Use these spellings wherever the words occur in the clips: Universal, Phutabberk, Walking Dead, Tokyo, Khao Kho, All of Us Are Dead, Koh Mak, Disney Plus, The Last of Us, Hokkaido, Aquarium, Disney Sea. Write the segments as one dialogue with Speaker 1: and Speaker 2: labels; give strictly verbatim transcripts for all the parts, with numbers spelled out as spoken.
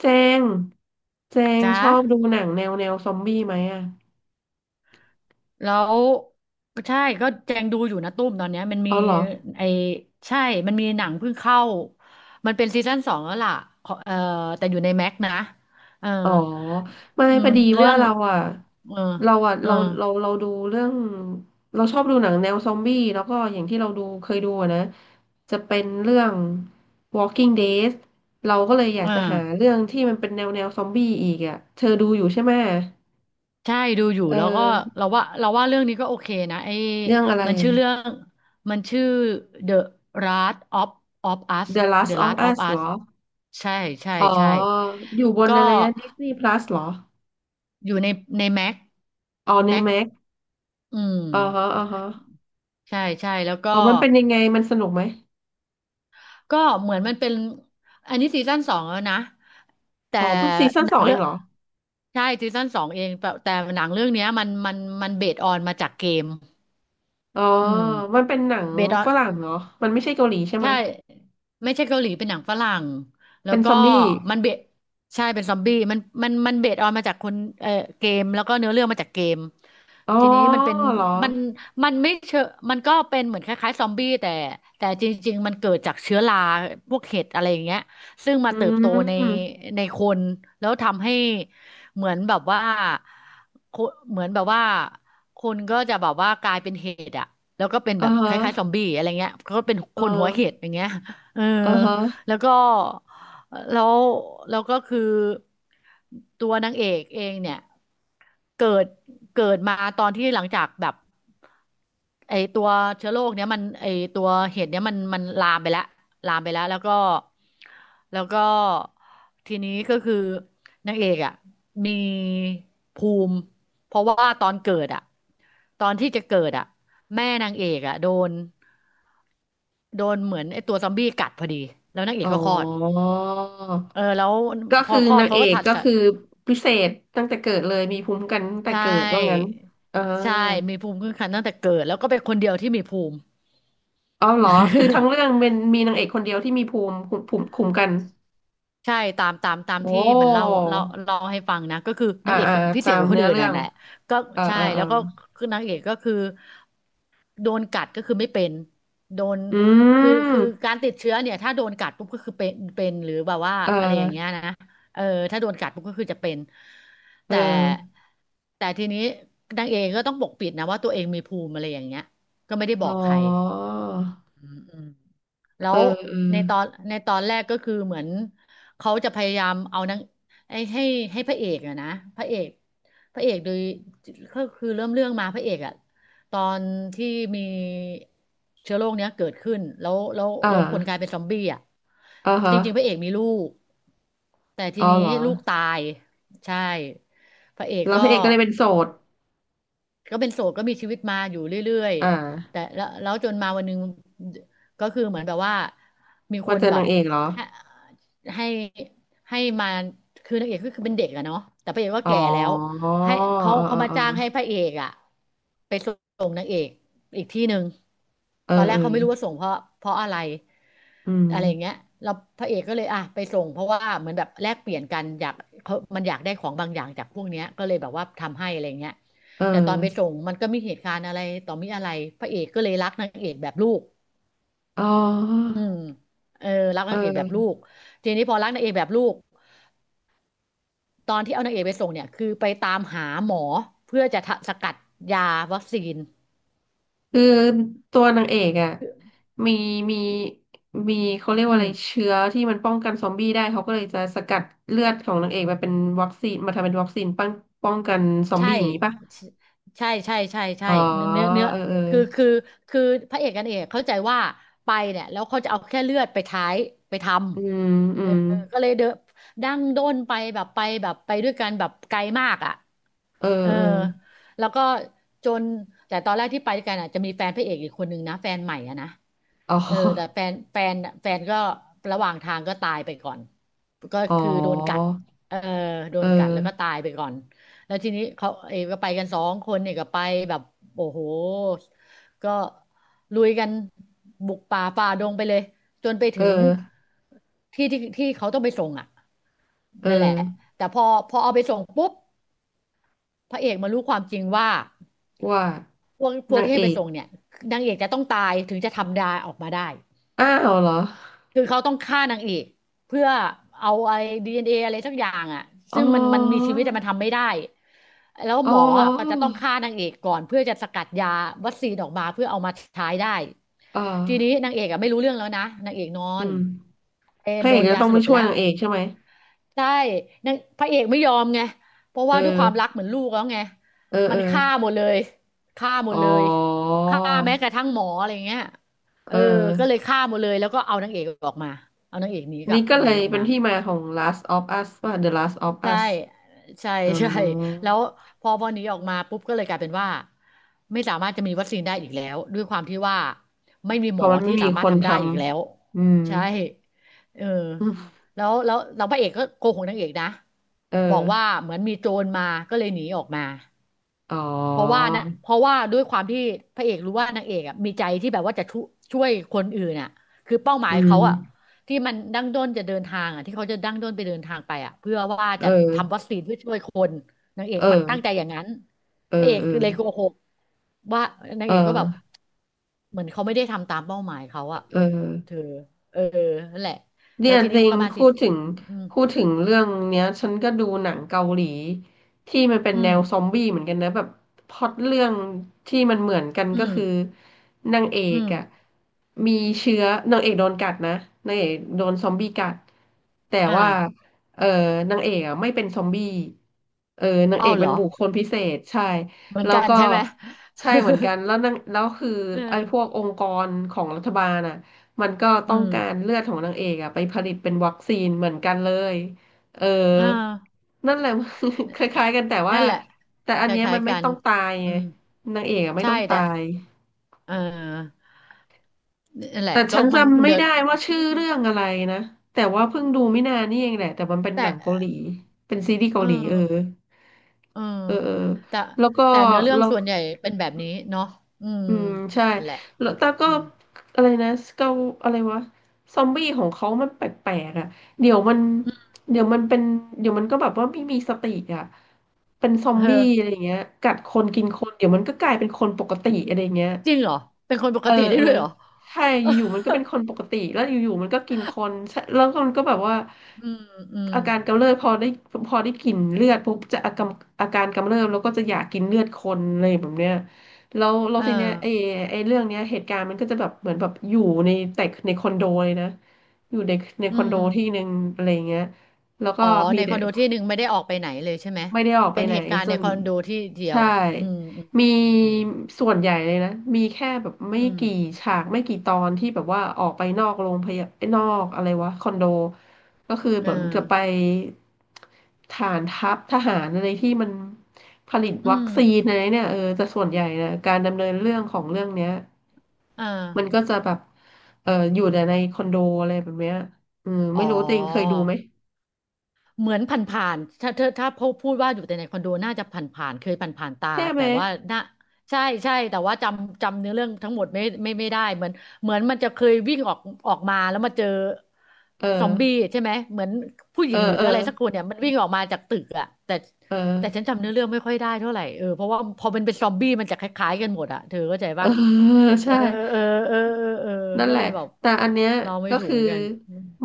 Speaker 1: เจงเจง
Speaker 2: จ้า
Speaker 1: ชอบดูหนังแนวแนวซอมบี้ไหมอ่ะ
Speaker 2: แล้วใช่ก็แจงดูอยู่นะตุ้มตอนเนี้ยมัน
Speaker 1: อ๋
Speaker 2: มี
Speaker 1: อเหรอ
Speaker 2: ไอใช่ มันมีหนังเพิ่งเข้า มันเป็นซีซั่นสองแล้วล่ะขอเออแต่อยู่ในแม็กนะเออ
Speaker 1: อ๋อไม่
Speaker 2: อื
Speaker 1: พ
Speaker 2: ม
Speaker 1: อดี
Speaker 2: เรื่
Speaker 1: ว่า
Speaker 2: อง
Speaker 1: เราอ่ะ
Speaker 2: เออ
Speaker 1: เราอ่ะ
Speaker 2: เออ
Speaker 1: เราเราเราดูเรื่องเราชอบดูหนังแนวซอมบี้แล้วก็อย่างที่เราดูเคยดูอะนะ จะเป็นเรื่อง Walking Dead เราก็เลยอยาก
Speaker 2: อ่า
Speaker 1: จะหาเรื่องที่มันเป็นแนวแนวซอมบี้อีกอ่ะ เธอดูอยู่ใช่ไหม
Speaker 2: ใช่ดูอยู่
Speaker 1: เอ
Speaker 2: แล้วก็
Speaker 1: อ
Speaker 2: เราว่าเราว่าเรื่องนี้ก็โอเคนะไอ
Speaker 1: เรื่องอะไร
Speaker 2: มันชื่อเรื่องมันชื่อ The Last of of Us
Speaker 1: The
Speaker 2: The
Speaker 1: Last of
Speaker 2: Last of
Speaker 1: Us เหร
Speaker 2: Us
Speaker 1: อ
Speaker 2: ใช่ใช่
Speaker 1: อ๋อ
Speaker 2: ใช่
Speaker 1: อยู่บน
Speaker 2: ก็
Speaker 1: อะไรนะ Disney Plus เหรอ
Speaker 2: อยู่ในในแม็ก
Speaker 1: อ๋อใน
Speaker 2: แม็ก
Speaker 1: m a ็
Speaker 2: อืม
Speaker 1: อ๋อฮะอ๋อฮะ
Speaker 2: ใช่ใช่แล้วก็
Speaker 1: อ๋อมันเป็นยังไงมันสนุกไหม
Speaker 2: ก็เหมือนมันเป็นอันนี้ซีซั่นสองแล้วนะแต่
Speaker 1: อ๋อเพิ่งซีซั่น
Speaker 2: หนั
Speaker 1: สอ
Speaker 2: ง
Speaker 1: งเอ
Speaker 2: เรื่อ
Speaker 1: ง
Speaker 2: ง
Speaker 1: เหรอ
Speaker 2: ใช่ซีซั่นสองเองแต่แต่หนังเรื่องเนี้ยมันมันมันเบสออนมาจากเกม
Speaker 1: อ๋อ
Speaker 2: อืม
Speaker 1: มันเป็นหนัง
Speaker 2: เบสออ
Speaker 1: ฝ
Speaker 2: น
Speaker 1: รั่งเหรอมันไม่ใช่เกาหลีใช่ไหม
Speaker 2: ใช่ไม่ใช่เกาหลีเป็นหนังฝรั่งแล้
Speaker 1: เป็
Speaker 2: ว
Speaker 1: นซ
Speaker 2: ก็
Speaker 1: อมบี้
Speaker 2: มันเบสใช่เป็นซอมบี้มันมันมันเบสออนมาจากคนเอ่อเกมแล้วก็เนื้อเรื่องมาจากเกม
Speaker 1: อ๋อ
Speaker 2: ทีนี้มันเป็น
Speaker 1: เหรอ
Speaker 2: มันมันไม่เชอมันก็เป็นเหมือนคล้ายๆซอมบี้แต่แต่จริงๆมันเกิดจากเชื้อราพวกเห็ดอะไรอย่างเงี้ยซึ่งมา
Speaker 1: อื
Speaker 2: เติบโตใน
Speaker 1: ม
Speaker 2: ในคนแล้วทำให้เหมือนแบบว่าคนเหมือนแบบว่าคนก็จะแบบว่ากลายเป็นเห็ดอะแล้วก็เป็น
Speaker 1: เอ๋อ
Speaker 2: แบบค
Speaker 1: ฮะ
Speaker 2: ล้ายๆซอมบี้อะไรเงี้ยก็เป็นค
Speaker 1: เอ
Speaker 2: นหัวเห็ด
Speaker 1: อ
Speaker 2: อย่างเงี้ยเออ
Speaker 1: เอ๋อฮะ
Speaker 2: แล้วก็แล้วแล้วก็คือตัวนางเอกเองเนี่ย เกิดเกิดมาตอนที่หลังจากแบบไอตัวเชื้อโรคเนี้ยมันไอตัวเห็ดเนี้ยมันมันลามไปแล้วลามไปแล้วแล้วก็แล้วก็ทีนี้ก็คือนางเอกอ่ะมีภูมิเพราะว่าตอนเกิดอ่ะตอนที่จะเกิดอ่ะแม่นางเอกอ่ะโดนโดนเหมือนไอตัวซอมบี้กัดพอดีแล้วนางเอ
Speaker 1: อ๋
Speaker 2: กก็คลอด
Speaker 1: อ
Speaker 2: เออแล้ว
Speaker 1: ก็
Speaker 2: พอ
Speaker 1: คือ
Speaker 2: คลอด
Speaker 1: นาง
Speaker 2: เขา
Speaker 1: เอ
Speaker 2: ก็
Speaker 1: ก
Speaker 2: ถัด
Speaker 1: ก็คือพิเศษตั้งแต่เกิดเลยมีภูมิคุ้มกันตั้งแต่
Speaker 2: ใช่
Speaker 1: เกิดว่างั้นอ่า
Speaker 2: ใช่ มีภูมิคุ้มกันตั้งแต่เกิด แล้วก็เป็นคนเดียวที่มีภูมิ
Speaker 1: อ๋อเหรอคือทั้งเรื่องเป็นมีนางเอกคนเดียวที่มีภูมิภูมิคุ้มกัน
Speaker 2: ใช่ตามตามตาม
Speaker 1: โอ้
Speaker 2: ที่มันเล่าเล่าเล่าให้ฟังนะก็คือ
Speaker 1: อ่า
Speaker 2: นางเอก
Speaker 1: อ่า
Speaker 2: พิเศ
Speaker 1: ตา
Speaker 2: ษก
Speaker 1: ม
Speaker 2: ว่าคน
Speaker 1: เนื้อ
Speaker 2: อื่น
Speaker 1: เรื่อ
Speaker 2: น่ะ
Speaker 1: ง
Speaker 2: แหละก็
Speaker 1: เออ
Speaker 2: ใช่
Speaker 1: เออเอ
Speaker 2: แล้
Speaker 1: อ
Speaker 2: วก็คือนางเอกก็คือโดนกัดก็คือไม่เป็นโดน
Speaker 1: อื
Speaker 2: คือ
Speaker 1: ม
Speaker 2: คือการติดเชื้อเนี่ยถ้าโดนกัดปุ๊บก็คือเป็นเป็นหรือแบบว่า
Speaker 1: เอ
Speaker 2: อะไรอย่างเงี้ย
Speaker 1: อ
Speaker 2: นะเออถ้าโดนกัดปุ๊บก็คือจะเป็น
Speaker 1: เ
Speaker 2: แต่
Speaker 1: ออ
Speaker 2: แต่ทีนี้นางเอกก็ต้องปกปิดนะว่าตัวเองมีภูมิอะไรอย่างเงี้ยก็ไม่ได้บ
Speaker 1: อ๋อ
Speaker 2: อกใครอืมอืม แล้
Speaker 1: เออ
Speaker 2: ว
Speaker 1: เออ
Speaker 2: ในตอนในตอนแรกก็คือเหมือนเขาจะพยายามเอานังไอ้ให้ให้พระเอกอะนะพระเอกพระเอกโดยก็คือเริ่มเรื่องมาพระเอกอะตอนที่มีเชื้อโรคเนี้ยเกิดขึ้นแล้วแล้ว
Speaker 1: อ่
Speaker 2: แล้วคนกลา
Speaker 1: า
Speaker 2: ยเป็นซอมบี้อะ
Speaker 1: อ่า
Speaker 2: จ
Speaker 1: ฮะ
Speaker 2: ริงๆพระเอกมีลูกแต่ที
Speaker 1: อ๋อ
Speaker 2: นี้
Speaker 1: เหรอ
Speaker 2: ลูกตายใช่พระเอก
Speaker 1: แล้วพ
Speaker 2: ก็
Speaker 1: ระเอกก็เลยเป็นโสด
Speaker 2: ก็เป็นโสดก็มีชีวิตมาอยู่เรื่อย
Speaker 1: อ่
Speaker 2: ๆ
Speaker 1: า
Speaker 2: แต่แล้วแล้วจนมาวันหนึงก็คือเหมือนแบบว่า มีค
Speaker 1: ว่า
Speaker 2: น
Speaker 1: เจอ
Speaker 2: แบ
Speaker 1: นา
Speaker 2: บ
Speaker 1: งเอกเหรอ
Speaker 2: ให้ให้ให้มาคือนางเอกก็คือเป็นเด็กอะเนาะแต่พระเอกก็
Speaker 1: อ๋อ
Speaker 2: แก่แล้ว
Speaker 1: เออ
Speaker 2: ให้เขา
Speaker 1: เออ
Speaker 2: เขามา
Speaker 1: เออ
Speaker 2: จ้างให้พระเอกอะไปส่งนางเอกอีกที่หนึ่ง
Speaker 1: เออ
Speaker 2: ตอนแร
Speaker 1: เอ
Speaker 2: ก
Speaker 1: อ
Speaker 2: เขาไม่รู้ว่าส่งเพราะเพราะอะไร
Speaker 1: อืม
Speaker 2: อะไรอย่างเงี้ยเราพระเอกก็เลยอ่ะไปส่งเพราะว่าเหมือนแบบแลกเปลี่ยนกันอยากเขามันอยากได้ของบางอย่างจากพวกเนี้ยก็เลยแบบว่าทำให้อะไรอย่างเงี้ย
Speaker 1: เอ
Speaker 2: แต่ตอนไป
Speaker 1: อ
Speaker 2: ส่งมันก็มีเหตุการณ์อะไรต่อมีอะไรพระเอกก็เลยรักนางเอกแบบลูก
Speaker 1: อ๋อ
Speaker 2: อืมเออรัก
Speaker 1: เ
Speaker 2: นางเอกแบบลู
Speaker 1: ออ
Speaker 2: กทีนี้พอรักนางเอกแบบลูกตอนที่เอานางเอกไปส่งเนี่ยคือไปตามหาหมอเพื่อจะทะสกัดยาวัคซีน
Speaker 1: คือตัวนางเอกอ่ะมีมีมีเขาเรียก
Speaker 2: อื
Speaker 1: ว่าอะ
Speaker 2: ม
Speaker 1: ไรเชื้อที่มันป้องกันซอมบี้ได้เขาก็เลยจะสกัดเลือดของนางเอกมาเป็นวัคซีนมาทำเป็นวัคซีนป้องป้องกันซอม
Speaker 2: ใช่
Speaker 1: บี้อย่างนี้ป่ะ
Speaker 2: ใช่ใช่ใช่ใช่
Speaker 1: อ๋อ
Speaker 2: เนื้อเนื้อเนื้อ
Speaker 1: เออเออ
Speaker 2: คือคือคือพระเอกกันางเอกเข้าใจว่าไปเนี่ยแล้วเขาจะเอาแค่เลือดไปท้ายไปท
Speaker 1: อืม
Speaker 2: ำ
Speaker 1: อื
Speaker 2: เออ
Speaker 1: ม
Speaker 2: ก็เลยเดนดั้งด้นไปแบบไปแบบไปด้วยกันแบบไกลมากอ่ะ
Speaker 1: เออ
Speaker 2: เออ
Speaker 1: เออ
Speaker 2: แล้วก็จนแต่ตอนแรกที่ไปด้วยกันอ่ะจะมีแฟนพระเอกอีกคนนึงนะแฟนใหม่อ่ะนะ
Speaker 1: อ๋
Speaker 2: เออแต่
Speaker 1: อ
Speaker 2: แฟนแฟนแฟนก็ระหว่างทางก็ตายไปก่อนก็
Speaker 1: อ๋อ
Speaker 2: คือโดนกัดเออโด
Speaker 1: เออ
Speaker 2: นกัดแล้วก็ตายไปก่อนแล้วทีนี้เขาเออก็ไปกันสองคนเนี่ยก็ไปแบบโอ้โหก็ลุยกันบุกป่าฝ่าดงไปเลยจนไป
Speaker 1: เอ
Speaker 2: ถึ
Speaker 1: อ
Speaker 2: งที่ที่ที่เขาต้องไปส่งอ่ะ
Speaker 1: เอ
Speaker 2: นั่นแหละ
Speaker 1: อ
Speaker 2: แต่พอพอเอาไปส่งปุ๊บ พระเอกมารู้ความจริงว่า
Speaker 1: ว่า
Speaker 2: พวกพวก
Speaker 1: นาง
Speaker 2: ที่
Speaker 1: เอ
Speaker 2: ให้ไป
Speaker 1: ก
Speaker 2: ส่งเนี่ยนางเอกจะต้องตายถึงจะทำดาออกมาได้
Speaker 1: อ้าวเหรอ
Speaker 2: คือเขาต้องฆ่านางเอกเพื่อเอาไอ้ดีเอ็นเออะไรสักอย่างอ่ะ
Speaker 1: อ๋
Speaker 2: ซึ่งมันมันมี
Speaker 1: อ
Speaker 2: ชีวิตแต่มันทำไม่ได้แล้ว
Speaker 1: อ๋
Speaker 2: หม
Speaker 1: อ
Speaker 2: ออ่ะก็จะต้องฆ่านางเอกก่อนเพื่อจะสกัดยาวัคซีนออกมาเพื่อเอามาใช้ได้
Speaker 1: เอ
Speaker 2: ทีนี้
Speaker 1: อ
Speaker 2: นางเอกอ่ะไม่รู้เรื่องแล้วนะนางเอกนอ
Speaker 1: อื
Speaker 2: น
Speaker 1: ม
Speaker 2: เออ
Speaker 1: พระ
Speaker 2: โด
Speaker 1: เอก
Speaker 2: น
Speaker 1: จะ
Speaker 2: ยา
Speaker 1: ต้อ
Speaker 2: ส
Speaker 1: ง
Speaker 2: ล
Speaker 1: มา
Speaker 2: บไป
Speaker 1: ช่วย
Speaker 2: แล้ว
Speaker 1: นางเอกใช่ไหม
Speaker 2: ใช่นางพระเอกไม่ยอมไงเพราะ
Speaker 1: เอ
Speaker 2: ว่าด้วยค
Speaker 1: อ
Speaker 2: วามรักเหมือนลูกแล้วไง
Speaker 1: เออ
Speaker 2: มั
Speaker 1: เอ
Speaker 2: น
Speaker 1: อ
Speaker 2: ฆ่าหมดเลยฆ่าหม
Speaker 1: อ๋
Speaker 2: ด
Speaker 1: อ
Speaker 2: เลยฆ่าแม้กระทั่งหมออะไรเงี้ยเอ
Speaker 1: เอ
Speaker 2: อก็เล
Speaker 1: อ
Speaker 2: ยฆ่าหมดเลยแล้วก็เอานางเอกออกมา เอานางเอกหนีกลั
Speaker 1: นี่
Speaker 2: บ
Speaker 1: ก็เล
Speaker 2: หนี
Speaker 1: ย
Speaker 2: ออก
Speaker 1: เป็น
Speaker 2: มา
Speaker 1: ที่มาของ Last of Us ว่า The Last of
Speaker 2: ใช่
Speaker 1: Us
Speaker 2: ใช่
Speaker 1: อ๋
Speaker 2: ใช่
Speaker 1: อ
Speaker 2: แล้วพอพอหนีออกมาปุ๊บก็เลยกลายเป็นว่าไม่สามารถจะมีวัคซีนได้อีกแล้วด้วยความที่ว่าไม่มี
Speaker 1: เพ
Speaker 2: หม
Speaker 1: ราะ
Speaker 2: อ
Speaker 1: มันไม่
Speaker 2: ที่
Speaker 1: มี
Speaker 2: สามา
Speaker 1: ค
Speaker 2: รถ
Speaker 1: น
Speaker 2: ทำ
Speaker 1: ท
Speaker 2: ได้อีกแล้ว
Speaker 1: ำ อืม
Speaker 2: ใช่เออ แล้วแล้วเราพระเอกก็โกหกนางเอกนะ
Speaker 1: เออ
Speaker 2: บอกว่าเหมือนมีโจรมาก็เลยหนีออกมา
Speaker 1: อ๋อ
Speaker 2: เพราะว่านะเพราะว่าด้วยความที่พระเอกรู้ว่านางเอกอ่ะมีใจที่แบบว่าจะช่วยช่วยคนอื่นอ่ะคือเป้าหมา
Speaker 1: อื
Speaker 2: ยเขาอ่ะ
Speaker 1: ม
Speaker 2: ที่มันดั้งด้นจะเดินทางอ่ะที่เขาจะดั้งด้นไปเดินทางไปอ่ะเพื่อว่า
Speaker 1: เ
Speaker 2: จะทำ
Speaker 1: ออ
Speaker 2: วัคซีนเพื่อช่วยคนนางเอก
Speaker 1: เอ
Speaker 2: มัน
Speaker 1: อ
Speaker 2: ตั้งใจอย่างนั้น
Speaker 1: เอ
Speaker 2: พระเอกเลย
Speaker 1: อ
Speaker 2: โกหกว่านาง
Speaker 1: เออ
Speaker 2: เอกก็แบบ
Speaker 1: เ
Speaker 2: เหมือนเขาไม่ได้ทำตามเป้าหมายเขา
Speaker 1: ออ
Speaker 2: อ่ะ
Speaker 1: เออ
Speaker 2: เธอเออนั่นแหละ
Speaker 1: เนี่
Speaker 2: แล้ว
Speaker 1: ย
Speaker 2: ที
Speaker 1: จ
Speaker 2: นี้
Speaker 1: ริ
Speaker 2: มัน
Speaker 1: ง
Speaker 2: ก็มาสิ
Speaker 1: พูดถึง
Speaker 2: อืม
Speaker 1: พูดถึงเรื่องเนี้ยฉันก็ดูหนังเกาหลีที่มันเป็น
Speaker 2: อื
Speaker 1: แน
Speaker 2: ม
Speaker 1: วซอมบี้เหมือนกันนะแบบพล็อตเรื่องที่มันเหมือนกัน
Speaker 2: อื
Speaker 1: ก็
Speaker 2: ม
Speaker 1: คือนางเอ
Speaker 2: อื
Speaker 1: ก
Speaker 2: ม
Speaker 1: อ่ะมีเชื้อนางเอกโดนกัดนะนางเอกโดนซอมบี้กัดแต่
Speaker 2: อ่า
Speaker 1: ว่าเออนางเอกอ่ะไม่เป็นซอมบี้เออนางเอ
Speaker 2: เอา
Speaker 1: ก
Speaker 2: เห
Speaker 1: เป็
Speaker 2: ร
Speaker 1: น
Speaker 2: อ
Speaker 1: บุคคลพิเศษใช่
Speaker 2: เหมือน
Speaker 1: แล้ว
Speaker 2: กัน
Speaker 1: ก็
Speaker 2: ใช่ไหม
Speaker 1: ใช่เหมือนกันแล้ว นางแล้วคือ
Speaker 2: เออ
Speaker 1: ไอ้พวกองค์กรของรัฐบาลอ่ะ มันก็
Speaker 2: อื
Speaker 1: ต้อง
Speaker 2: ม
Speaker 1: การเลือดของนางเอกอะไปผลิตเป็นวัคซีนเหมือนกันเลยเออ
Speaker 2: อ่า
Speaker 1: นั่นแหละ คล้ายๆกันแต่
Speaker 2: นั่
Speaker 1: ว่า
Speaker 2: นแหละ
Speaker 1: แต่อั
Speaker 2: ค
Speaker 1: นเนี้ย
Speaker 2: ล้า
Speaker 1: มั
Speaker 2: ย
Speaker 1: น
Speaker 2: ๆ
Speaker 1: ไม่
Speaker 2: กัน
Speaker 1: ต้องตาย
Speaker 2: อื
Speaker 1: ไง
Speaker 2: ม
Speaker 1: นางเอกอะไม่
Speaker 2: ใช่
Speaker 1: ต้อง
Speaker 2: แต่
Speaker 1: ตาย
Speaker 2: เออนั่นแห
Speaker 1: แต่
Speaker 2: ละก็
Speaker 1: ฉัน
Speaker 2: มันมั
Speaker 1: จำ
Speaker 2: น
Speaker 1: ไม่
Speaker 2: เดือด
Speaker 1: ได้ว่าชื่
Speaker 2: อื
Speaker 1: อ
Speaker 2: ม
Speaker 1: เรื่องอะไรนะแต่ว่าเพิ่งดูไม่นานนี่เองแหละแต่มันเป็น
Speaker 2: แต่
Speaker 1: หนังเกาหลีเป็นซีรีส์เกา
Speaker 2: เออ
Speaker 1: หลีเออ
Speaker 2: เออ
Speaker 1: เออเออ
Speaker 2: แต่
Speaker 1: แล้วก็
Speaker 2: แต่เนื้อเรื่อง
Speaker 1: แล้ว
Speaker 2: ส่วนใหญ่เป็นแบบนี้เนาะอืม
Speaker 1: อืมใช่
Speaker 2: นั่นแหละ
Speaker 1: แล้วแต่ก็
Speaker 2: อืม
Speaker 1: อะไรนะเกาอะไรวะซอมบี้ของเขามันแปลกๆอ่ะเดี๋ยวมัน
Speaker 2: อืม
Speaker 1: เดี๋ยวมันเป็นเดี๋ยวมันก็แบบว่าไม่มีสติอ่ะเป็นซอม
Speaker 2: เอ
Speaker 1: บี้อะไร
Speaker 2: อ
Speaker 1: อย่างเงี้ยกัดคนกินคนเดี๋ยวมันก็กลายเป็นคนปกติอะไรอย่างเงี้ย
Speaker 2: จริงเหรอเป็นคนป
Speaker 1: เอ
Speaker 2: ก
Speaker 1: อ
Speaker 2: ติได้
Speaker 1: เออ
Speaker 2: ด้วยเหรอ
Speaker 1: ใช่อยู่ๆมั นก็เป็นคนปกติแล้วอยู่ๆมันก็กินคนใช่แล้วมันก็แบบว่า
Speaker 2: อืมอืม
Speaker 1: อาการกำเริบพอได้พอได้กลิ่นเลือดปุ๊บจะอาการอาการกำเริบแล้วก็จะอยากกินเลือดคนเลยแบบเนี้ยแล้วแล้ว
Speaker 2: เออ
Speaker 1: ทีเนี้ยไอ้ไอ้เรื่องเนี้ยเหตุการณ์มันก็จะแบบเหมือนแบบอยู่ในแต่ในคอนโดเลยนะอยู่ในใน
Speaker 2: อื
Speaker 1: คอนโด
Speaker 2: ม
Speaker 1: ที่หนึ่งอะไรเงี้ยแล้วก็
Speaker 2: อ๋อ
Speaker 1: มี
Speaker 2: ในค
Speaker 1: เด็
Speaker 2: อ
Speaker 1: ก
Speaker 2: นโดที่หนึ่งไม่ได้ออกไปไหนเลยใช่ไหม
Speaker 1: ไม่ได้ออกไป
Speaker 2: เป็น
Speaker 1: ไหน
Speaker 2: เหตุการณ์
Speaker 1: ส่
Speaker 2: ใน
Speaker 1: วน
Speaker 2: คอนโดที่เดียว
Speaker 1: ใช่
Speaker 2: อืมอื
Speaker 1: มี
Speaker 2: มอืม
Speaker 1: ส่วนใหญ่เลยนะ มีแค่แบบไม่
Speaker 2: อืม
Speaker 1: กี่ฉากไม่กี่ตอนที่แบบว่าออกไปนอกโรงพยาบาลนอกอะไรวะคอนโดก็คือ
Speaker 2: เอ
Speaker 1: เห
Speaker 2: อ
Speaker 1: มือนจะไปฐานทัพทหารอะไรที่มันผลิต
Speaker 2: อื
Speaker 1: วัค
Speaker 2: ม
Speaker 1: ซีนอะไรเนี่ยเออแต่ส่วนใหญ่นะการดำเนินเรื่องของเรื่องเนี้ย
Speaker 2: เออ
Speaker 1: มันก็จะแบบเอออยู่แต่ในคอนโดอะไรแบบเนี้ยอืม
Speaker 2: อ๋
Speaker 1: ไม่
Speaker 2: อ
Speaker 1: รู้จริงเคยดูไหม
Speaker 2: เหมือนผ่านๆถ้าเธอถ้าพูดพูดว่าอยู่แต่ในคอนโดน่าจะผ่านๆเคยผ่านๆตา
Speaker 1: ใช่ไหม
Speaker 2: แต่ว่าน่าใช่ใช่แต่ว่าจำจำเนื้อเรื่องทั้งหมดไม่ไม่ไม่ได้เหมือนเหมือนมันจะเคยวิ่งออกออกมาแล้วมาเจอ
Speaker 1: เออ
Speaker 2: ซอมบี้ใช่ไหมเหมือนผู้ห
Speaker 1: เอ
Speaker 2: ญิ
Speaker 1: อ
Speaker 2: งหรือ
Speaker 1: เออ
Speaker 2: อะไรสักคนเนี่ยมันวิ่งออกมาจากตึกอะแต่
Speaker 1: เอ
Speaker 2: แต่ฉัน
Speaker 1: อ
Speaker 2: จำเนื้อเรื่องไม่ค่อยได้เท่าไหร่เออเพราะว่าพอมันเป็นซอมบี้มันจะคล้ายๆกันหมดอะเธอเข้าใจ
Speaker 1: เออ
Speaker 2: ปะ เอ
Speaker 1: ใช่
Speaker 2: อเออเออเออเออ
Speaker 1: นั่น
Speaker 2: ก็
Speaker 1: แหละ
Speaker 2: เลยแบบ
Speaker 1: แต่อันเนี้ย
Speaker 2: เราไม่
Speaker 1: ก็
Speaker 2: ถูก
Speaker 1: คือ
Speaker 2: เหมือนกัน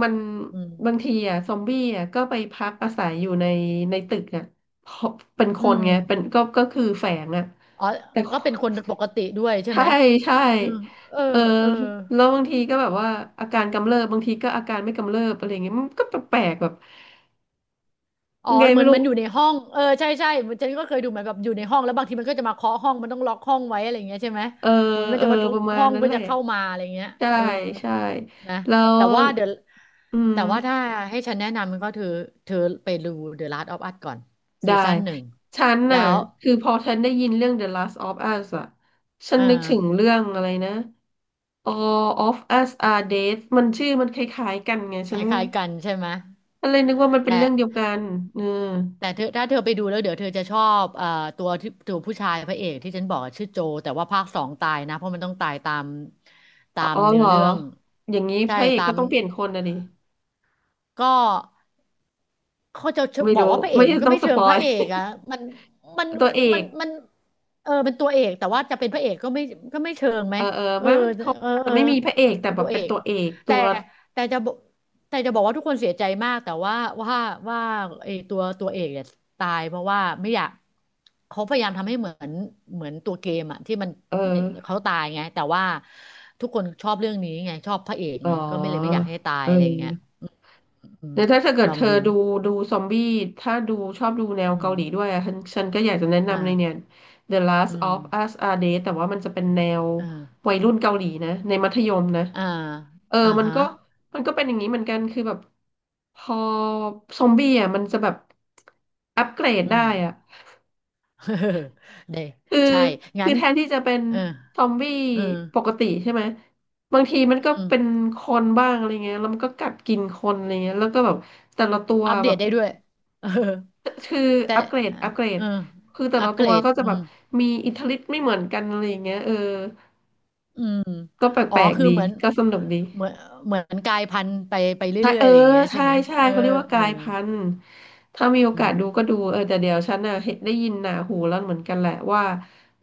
Speaker 1: มัน
Speaker 2: อื
Speaker 1: บาง
Speaker 2: ม
Speaker 1: ทีอ่ะซอมบี้อ่ะก็ไปพักอาศัยอยู่ในในตึกอ่ะเพราะเป็นค
Speaker 2: อื
Speaker 1: น
Speaker 2: ม
Speaker 1: ไงเป็นก็ก็คือแฝงอ่ะ
Speaker 2: อ๋อ
Speaker 1: แต่
Speaker 2: ก็เป็นคนปกติด้วย ใช่
Speaker 1: ใช่
Speaker 2: ไหม
Speaker 1: ใช่
Speaker 2: เออเออ
Speaker 1: เออ
Speaker 2: เออ
Speaker 1: แล้วบางทีก็แบบว่าอาการกำเริบบางทีก็อาการไม่กำเริบอะไรเงี้ยมันก็แปลกๆแบบ
Speaker 2: อ๋อ
Speaker 1: ไง
Speaker 2: เห
Speaker 1: ไม่
Speaker 2: มือน
Speaker 1: รู้
Speaker 2: มันอยู่ในห้องเออใช่ใช่มันฉันก็เคยดูเหมือนแบบอยู่ในห้องแล้วบางทีมันก็จะมาเคาะห้องมันต้องล็อกห้องไว้อะไรอย่างเงี้ยใช่ไหม
Speaker 1: เออ
Speaker 2: เหมือนมัน
Speaker 1: เออ
Speaker 2: จะมาทุ
Speaker 1: ป
Speaker 2: บ
Speaker 1: ระมาณ
Speaker 2: ห้อง
Speaker 1: นั้น
Speaker 2: เพื่อ
Speaker 1: แหละ
Speaker 2: จะเข้ามาอะไรอย่างเงี้ย
Speaker 1: ใช่
Speaker 2: เออ
Speaker 1: ใช่
Speaker 2: นะ
Speaker 1: แล้ว
Speaker 2: แต่ว่าเดี๋ยว
Speaker 1: อืม
Speaker 2: แต่ว่าถ้าให้ฉันแนะนำมันก็เธอเธอไปดู The Last of Us ก่อนซี
Speaker 1: ได้
Speaker 2: ซั่นหนึ่ง
Speaker 1: ฉัน
Speaker 2: แล้
Speaker 1: น่ะ
Speaker 2: ว
Speaker 1: คือพอฉันได้ยินเรื่อง The Last of Us อ่ะฉั
Speaker 2: เอ
Speaker 1: นนึกถึง
Speaker 2: อ
Speaker 1: เรื่องอะไรนะ All of Us Are Dead มันชื่อมันคล้ายๆกันไง
Speaker 2: ค
Speaker 1: ฉัน
Speaker 2: ล้ายๆกันใช่ไหม
Speaker 1: ก็เลยนึกว่ามันเป็น
Speaker 2: แต่
Speaker 1: เรื่องเดียวกันเออ
Speaker 2: แต่เธอถ้าเธอไปดูแล้วเดี๋ยวเธอจะชอบเอ่อตัวที่ตัวผู้ชายพระเอกที่ฉันบอกอะชื่อโจแต่ว่าภาคสองตายนะเพราะมันต้องตายตามตา
Speaker 1: อ๋
Speaker 2: ม
Speaker 1: อเห
Speaker 2: เนื้
Speaker 1: ร
Speaker 2: อ
Speaker 1: อ
Speaker 2: เรื่อง
Speaker 1: อย่างนี้พ
Speaker 2: ใช่
Speaker 1: ระเอก
Speaker 2: ตา
Speaker 1: ก็
Speaker 2: ม
Speaker 1: ต้องเปลี่ยนคนนะดิ
Speaker 2: ก็ เขาจะ
Speaker 1: ไม่
Speaker 2: บอก
Speaker 1: รู้
Speaker 2: ว่าพระเอ
Speaker 1: ไม่
Speaker 2: กมันก็
Speaker 1: ต้อง
Speaker 2: ไม่
Speaker 1: ส
Speaker 2: เชิ
Speaker 1: ป
Speaker 2: ง
Speaker 1: อ
Speaker 2: พ
Speaker 1: ย
Speaker 2: ระเอกอะมันมัน
Speaker 1: ตัวเอ
Speaker 2: มั
Speaker 1: ก
Speaker 2: นมันเออเป็นตัวเอกแต่ว่าจะเป็นพระเอกก็ไม่ก็ไม่เชิงไหม
Speaker 1: เออเออ
Speaker 2: เออ
Speaker 1: ไม่มันเขา
Speaker 2: เออ
Speaker 1: อาจ
Speaker 2: เอ
Speaker 1: จะ
Speaker 2: อ
Speaker 1: ไม่มีพระเอกแต่
Speaker 2: เป็น
Speaker 1: แบ
Speaker 2: ตั
Speaker 1: บ
Speaker 2: วเอ
Speaker 1: เป็น
Speaker 2: ก
Speaker 1: ตัวเอกตั
Speaker 2: แต่
Speaker 1: ว
Speaker 2: แต่จะบอกแต่จะบอกว่าทุกคนเสียใจมากแต่ว่าว่าว่าไอ้ตัวตัวเอกเนี่ยตายเพราะว่าไม่อยากเขาพยายามทำให้เหมือนเหมือนตัวเกมอะที่มัน
Speaker 1: เออ
Speaker 2: เนี่ยเขาตายไงแต่ว่าทุกคนชอบเรื่องนี้ไงชอบพระเอก
Speaker 1: อ๋อ
Speaker 2: ไงก็ไม่เลยไม่อยากให้ตาย
Speaker 1: เอ
Speaker 2: อะไรเงี้ย
Speaker 1: อ
Speaker 2: อืม
Speaker 1: เดี๋ยวถ้าเกิ
Speaker 2: ล
Speaker 1: ด
Speaker 2: อ
Speaker 1: เธ
Speaker 2: ง
Speaker 1: อ
Speaker 2: ดู
Speaker 1: ดูดูซอมบี้ถ้าดูชอบดูแนว
Speaker 2: อื
Speaker 1: เกา
Speaker 2: ม
Speaker 1: หลีด้วยอะฉันฉันก็อยากจะแนะ
Speaker 2: อ่า
Speaker 1: นำเลยเนี่ย The Last
Speaker 2: อืม
Speaker 1: of Us Are Dead แต่ว่ามันจะเป็นแนว
Speaker 2: อ่า
Speaker 1: วัยรุ่นเกาหลีนะในมัธยมนะ
Speaker 2: อ่า
Speaker 1: เออ
Speaker 2: อ่า
Speaker 1: มัน
Speaker 2: ฮะ
Speaker 1: ก็มันก็เป็นอย่างนี้เหมือนกันคือแบบพอซอมบี้อ่ะมันจะแบบอัปเกรด
Speaker 2: อืม
Speaker 1: ได้อ่ะ
Speaker 2: เด้
Speaker 1: คือ
Speaker 2: ใช่งั้
Speaker 1: คือ
Speaker 2: น
Speaker 1: แทนที่จะเป็น
Speaker 2: เออ
Speaker 1: ซอมบี้
Speaker 2: เออ
Speaker 1: ปกติใช่ไหมบางทีมัน
Speaker 2: อื
Speaker 1: ก็
Speaker 2: ม
Speaker 1: เป็นคนบ้างอะไรเงี้ยแล้วมันก็กัดกินคนอะไรเงี้ยแล้วก็แบบแต่ละตัว
Speaker 2: อัปเด
Speaker 1: แบ
Speaker 2: ต
Speaker 1: บ
Speaker 2: ได้ด้วย เออ
Speaker 1: คือ
Speaker 2: แต่
Speaker 1: อัปเกรดอัปเกรด
Speaker 2: เออ
Speaker 1: คือแต่
Speaker 2: อั
Speaker 1: ละ
Speaker 2: ปเก
Speaker 1: ตั
Speaker 2: ร
Speaker 1: ว
Speaker 2: ด
Speaker 1: ก็จะ
Speaker 2: อื
Speaker 1: แบบ
Speaker 2: ม
Speaker 1: มีอิทธิฤทธิ์ไม่เหมือนกันอะไรอย่างเงี้ยเออ
Speaker 2: อืม
Speaker 1: ก็แป
Speaker 2: อ๋อ
Speaker 1: ลก
Speaker 2: คื
Speaker 1: ๆ
Speaker 2: อ
Speaker 1: ดี
Speaker 2: เหมือน
Speaker 1: ก็สนุกดี
Speaker 2: เหมือนเหมือนกลายพันธุ์ไปไป
Speaker 1: ใช่
Speaker 2: เรื่อยๆ
Speaker 1: เออ
Speaker 2: อะไรอย่างเงี้ยใช่
Speaker 1: ใช่
Speaker 2: ไหม
Speaker 1: ใช่
Speaker 2: เออ
Speaker 1: เขาเรียกว่า
Speaker 2: เออ
Speaker 1: กายพันธุ์ถ้ามีโอ
Speaker 2: อื
Speaker 1: กาส
Speaker 2: ม
Speaker 1: ดูก็ดูเออแต่เดี๋ยวฉันน่ะเห็นได้ยินหนาหูแล้วเหมือนกันแหละว่า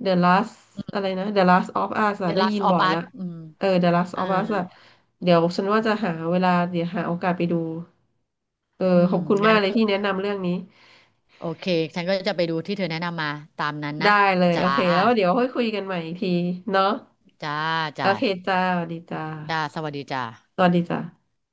Speaker 1: The Last อะไรนะ The Last of Us อะ
Speaker 2: The
Speaker 1: ได้ยิ
Speaker 2: Last
Speaker 1: นบ่
Speaker 2: of
Speaker 1: อยละ
Speaker 2: Us อืม
Speaker 1: เออ The Last
Speaker 2: อ่า
Speaker 1: of Us อะเดี๋ยวฉันว่าจะหาเวลาเดี๋ยวหาโอกาสไปดูเออ
Speaker 2: อื
Speaker 1: ข
Speaker 2: ม
Speaker 1: อบคุณ
Speaker 2: งั้
Speaker 1: มา
Speaker 2: น
Speaker 1: กเลย
Speaker 2: ก็
Speaker 1: ที่แนะนำเรื่องนี้
Speaker 2: โอเคฉันก็จะไปดูที่เธอแนะนำมาตามนั้นนะ
Speaker 1: ได้เลยโอ
Speaker 2: จ้า
Speaker 1: เคแล้วเดี๋ยวค่อยคุยกันใหม่อีกทีเนาะ
Speaker 2: จ้า
Speaker 1: โอ
Speaker 2: จ้า
Speaker 1: เคจ้าสวัสดีจ้า
Speaker 2: จ้าสวัสดีจ้า
Speaker 1: สวัสดีจ้า